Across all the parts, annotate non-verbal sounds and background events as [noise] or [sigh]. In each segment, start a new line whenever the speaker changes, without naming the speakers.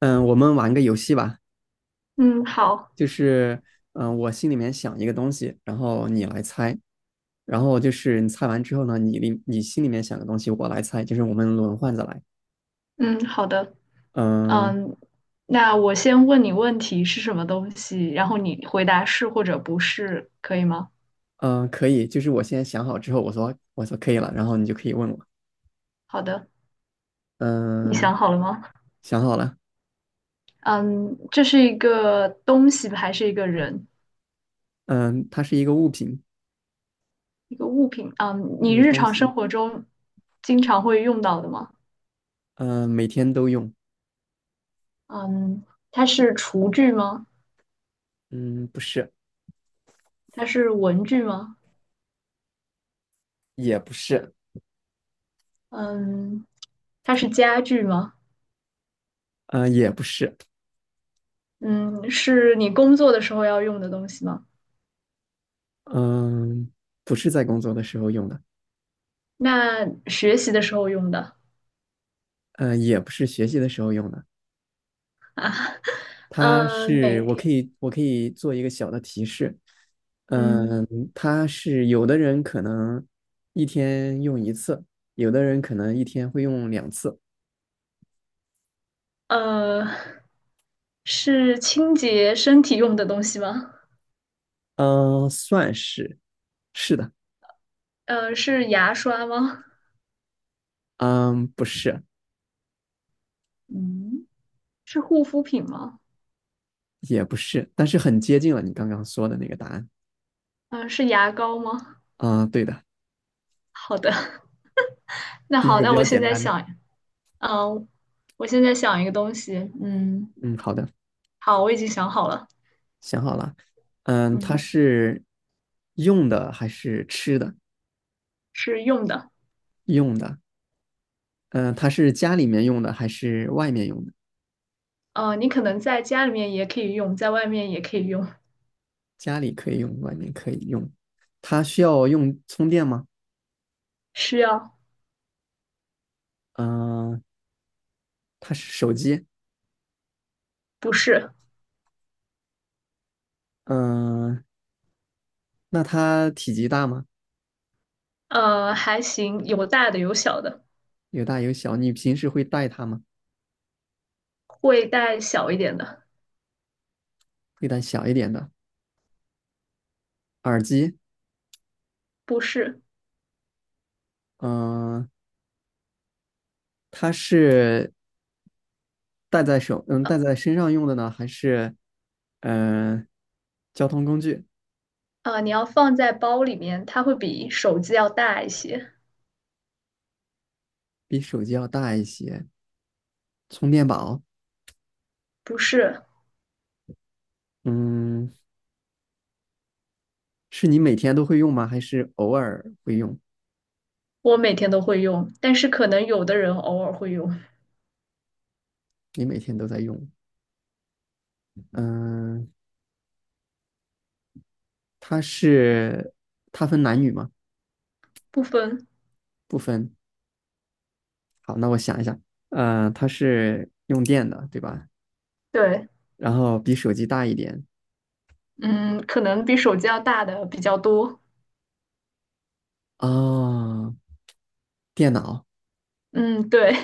嗯，我们玩个游戏吧。
嗯，好。
就是我心里面想一个东西，然后你来猜。然后就是你猜完之后呢，你心里面想的东西，我来猜，就是我们轮换着来。
嗯，好的。
嗯
嗯，那我先问你问题是什么东西，然后你回答是或者不是，可以吗？
嗯，可以，就是我现在想好之后，我说可以了，然后你就可以问我。
好的。你
嗯，
想好了吗？
想好了。
嗯，这是一个东西还是一个人？
嗯，它是一个物品，
一个物品？嗯，你
对，
日
东
常
西。
生活中经常会用到的吗？
嗯，每天都用。
嗯，它是厨具吗？
嗯，不是，
它是文具吗？
也不是，
嗯，它是家具吗？
嗯，也不是，
嗯，是你工作的时候要用的东西吗？
嗯，不是在工作的时候用的，
那学习的时候用的。
嗯，也不是学习的时候用的。它
每
是我
天，
可以我可以做一个小的提示。
嗯，
嗯，它是有的人可能一天用一次，有的人可能一天会用两次，
呃，是清洁身体用的东西吗？
嗯，算是是的。
是牙刷吗？
嗯，不是。
嗯，是护肤品吗？
也不是，但是很接近了你刚刚说的那个答案。
嗯、是牙膏吗？
啊，对的。
好的。[laughs] 那
第一
好，
个比
那我
较
现
简
在
单。
想。嗯、我现在想一个东西，嗯，
嗯，好的，
好，我已经想好了。
想好了。嗯，它
嗯，
是用的还是吃的？
是用的。
用的。嗯，它是家里面用的还是外面用的？
你可能在家里面也可以用，在外面也可以用。
家里可以用，外面可以用。它需要用充电吗？
需要。
嗯、呃它是手机。
不是。
嗯、呃那它体积大吗？
还行，有大的有小的。
有大有小。你平时会带它吗？
会带小一点的。
会带小一点的耳机。
不是。
嗯、呃它是戴在手，嗯，戴在身上用的呢，还是嗯、呃交通工具？
你要放在包里面，它会比手机要大一些。
比手机要大一些。充电宝，
不是。
嗯，是你每天都会用吗？还是偶尔会用？
我每天都会用，但是可能有的人偶尔会用。
你每天都在用？嗯、它是它分男女吗？
不分。
不分。好，那我想一想。它是用电的，对吧？
对。
然后比手机大一点。
嗯，可能比手机要大的比较多。
啊。电脑，
嗯，对。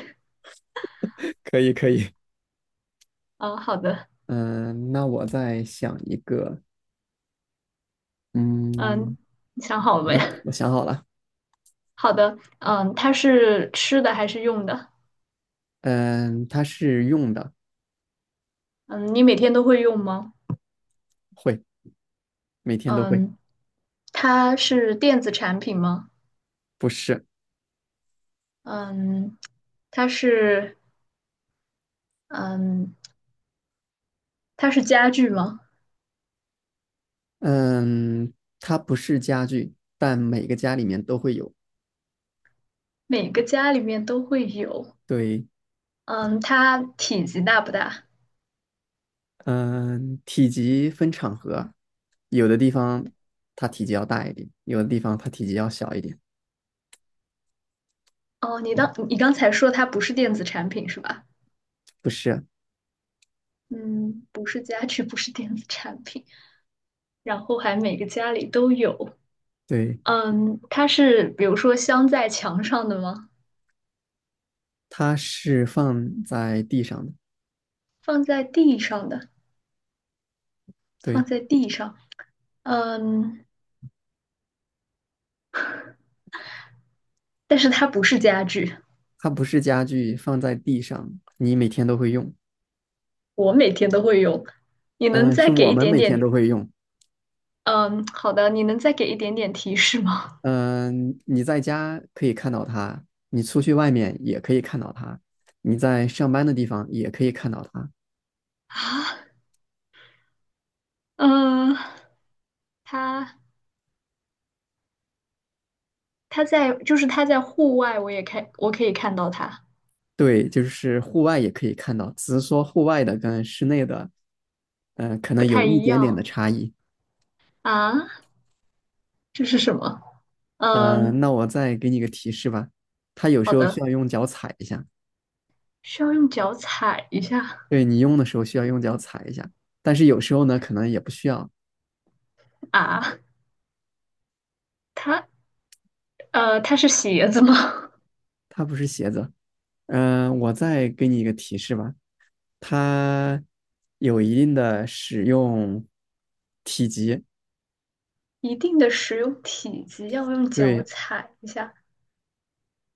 可以可以。
嗯，好的。
嗯，那我再想一个。嗯，
嗯，你想好了
好
没？
的，
[laughs]
我想好了。
好的。嗯，它是吃的还是用的？
嗯，它是用的，
嗯，你每天都会用吗？
会，每天都会。
嗯，它是电子产品吗？
不是，
嗯，它是嗯，它是家具吗？
嗯，它不是家具，但每个家里面都会有。
每个家里面都会有。
对，
嗯，它体积大不大？
嗯，体积分场合，有的地方它体积要大一点，有的地方它体积要小一点。
哦，你当你刚才说它不是电子产品是吧？
不是，
嗯，不是家具，不是电子产品，然后还每个家里都有。
对，
嗯，它是比如说镶在墙上的吗？
它是放在地上的。
放在地上的。放
对，
在地上。嗯，但是它不是家具。
它不是家具，放在地上，你每天都会用。
我每天都会用。你能
嗯，
再
是
给
我
一
们
点
每天
点
都会用。
嗯，好的，你能再给一点点提示吗？
嗯，你在家可以看到它，你出去外面也可以看到它，你在上班的地方也可以看到它。
[laughs] 啊，嗯，他他在户外，我可以看到他。
对，就是户外也可以看到，只是说户外的跟室内的，可能
不
有
太
一
一
点点的
样
差异。
啊。这是什么？嗯，
那我再给你个提示吧，它有时
好
候需
的，
要用脚踩一下。
需要用脚踩一下
对，你用的时候需要用脚踩一下，但是有时候呢，可能也不需要。
啊。它它是鞋子吗？
它不是鞋子。我再给你一个提示吧，它有一定的使用体积。
[laughs] 一定的使用体积要用脚
对，
踩一下。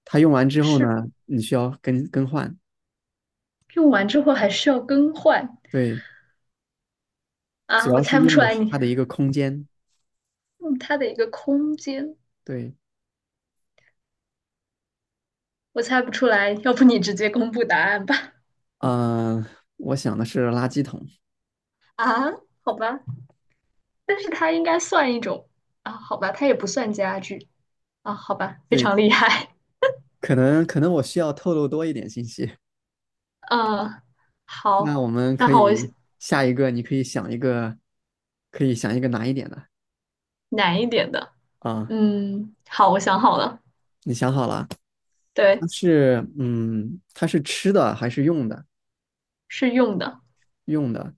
它用完之后
是
呢，你需要更换，
用完之后还需要更换
对，主
啊？
要
我
是
猜不
用
出
的
来
是
你
它的一个空间。
用它的一个空间。
对，
我猜不出来，要不你直接公布答案吧？
嗯、我想的是垃圾桶。
[laughs] 啊，好吧，但是它应该算一种啊，好吧，它也不算家具啊，好吧，非
对，
常厉害。
可能我需要透露多一点信息。
嗯，好。
那我们
那
可
好，我
以下一个，你可以想一个，难一点的
难一点的。
啊。
嗯，好，我想好了。
你想好了？
对，
它是吃的还是用的？
是用的。
用的。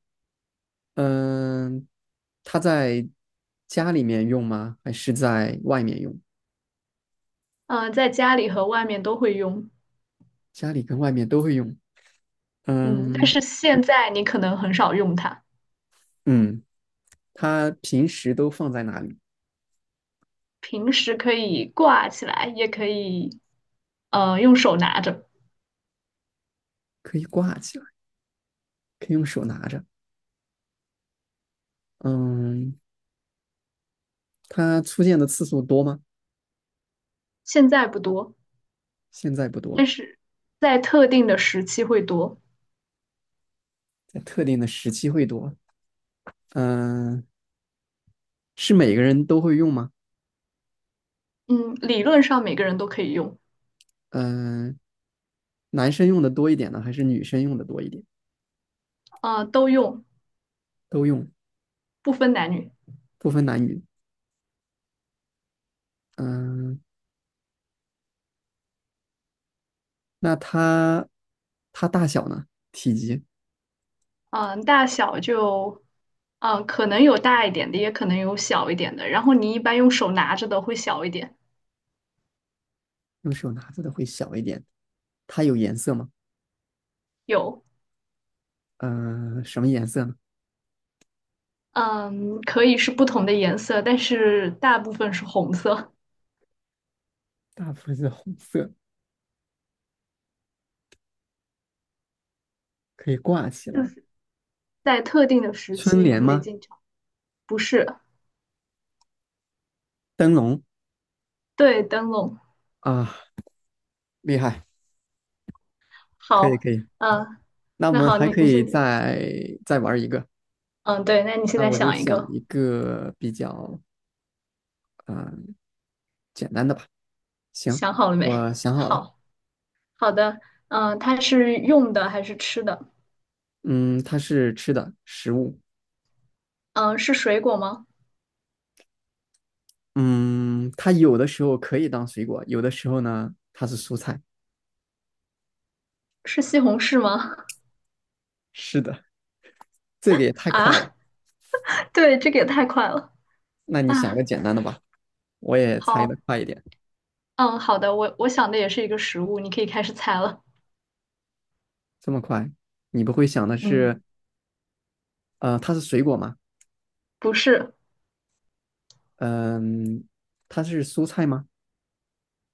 嗯，它在家里面用吗？还是在外面用？
嗯，在家里和外面都会用。
家里跟外面都会用。
嗯，但
嗯
是现在你可能很少用它。
嗯，它平时都放在哪里？
平时可以挂起来，也可以，用手拿着。
可以挂起来，可以用手拿着。嗯，它出现的次数多吗？
现在不多。
现在不多，
但是在特定的时期会多。
在特定的时期会多。嗯，是每个人都会用吗？
嗯，理论上每个人都可以用。
嗯，男生用的多一点呢，还是女生用的多一点？
都用。
都用，
不分男女。
不分男女。嗯，那它大小呢？体积，
大小就，可能有大一点的，也可能有小一点的。然后你一般用手拿着的会小一点。
用手拿着的会小一点。它有颜色吗？
有。
嗯，什么颜色呢？
嗯，可以是不同的颜色，但是大部分是红色。
大部分是红色，可以挂起来。
在特定的时
春
期你
联
会
吗？
经常。不是。
灯笼
对，灯笼。
啊，厉害，可以
好。
可以。
嗯、
那我
那
们
好，
还
那
可
你
以
现，
再玩一个。
嗯，对，那你现
那
在
我就
想一
想
个。
一个比较啊、呃简单的吧。行，
想好了没？
我
[laughs]
想好了。
好。好的。它是用的还是吃的？
嗯，它是吃的食物。
嗯、是水果吗？
嗯，它有的时候可以当水果，有的时候呢它是蔬菜。
是西红柿吗？
是的，这个也
[laughs]
太
啊，
快了。
[laughs] 对，这个也太快了
那你想
啊！
个简单的吧，我也猜的
好。
快一点。
嗯，好的，我想的也是一个食物，你可以开始猜了。
这么快，你不会想的
嗯，
是它是水果吗？
不是。
嗯，它是蔬菜吗？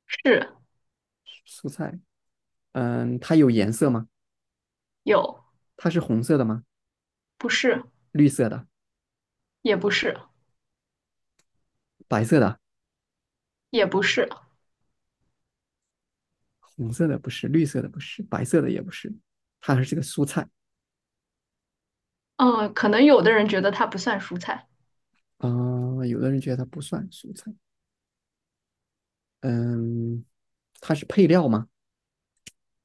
是。
蔬菜。嗯，它有颜色吗？
有。
它是红色的吗？
不是。
绿色的、
也不是。
白色的、
也不是。
红色的不是，绿色的不是，白色的也不是，它还是个蔬菜。
嗯，可能有的人觉得它不算蔬菜。
有的人觉得它不算蔬菜，嗯，它是配料吗？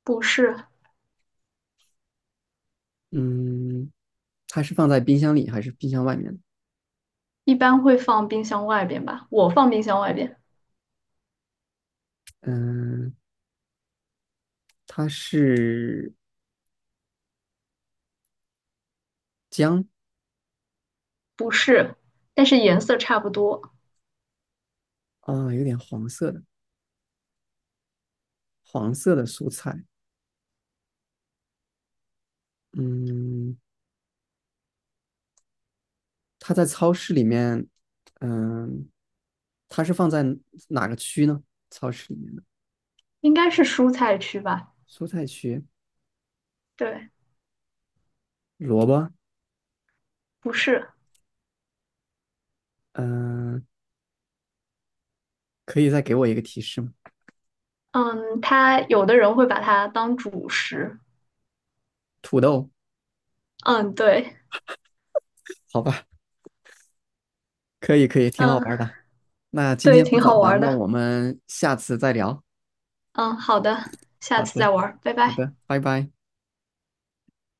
不是。
嗯，它是放在冰箱里还是冰箱外面。
一般会放冰箱外边吧？我放冰箱外边。
嗯，它是姜
不是，但是颜色差不多。
有点黄色的，黄色的蔬菜。嗯，它在超市里面，嗯，它是放在哪个区呢？超市里面的
应该是蔬菜区吧？
蔬菜区，
对。
萝卜。
不是。
嗯、呃可以再给我一个提示吗？
嗯，他有的人会把它当主食。
土豆，
嗯，对。
好吧，可以可以，挺好
嗯，
玩的。那今
对，
天不
挺
早
好
了，
玩
那
的。
我们下次再聊。
嗯，好的，下
好
次再
的，
玩拜
好
拜。
的，拜拜。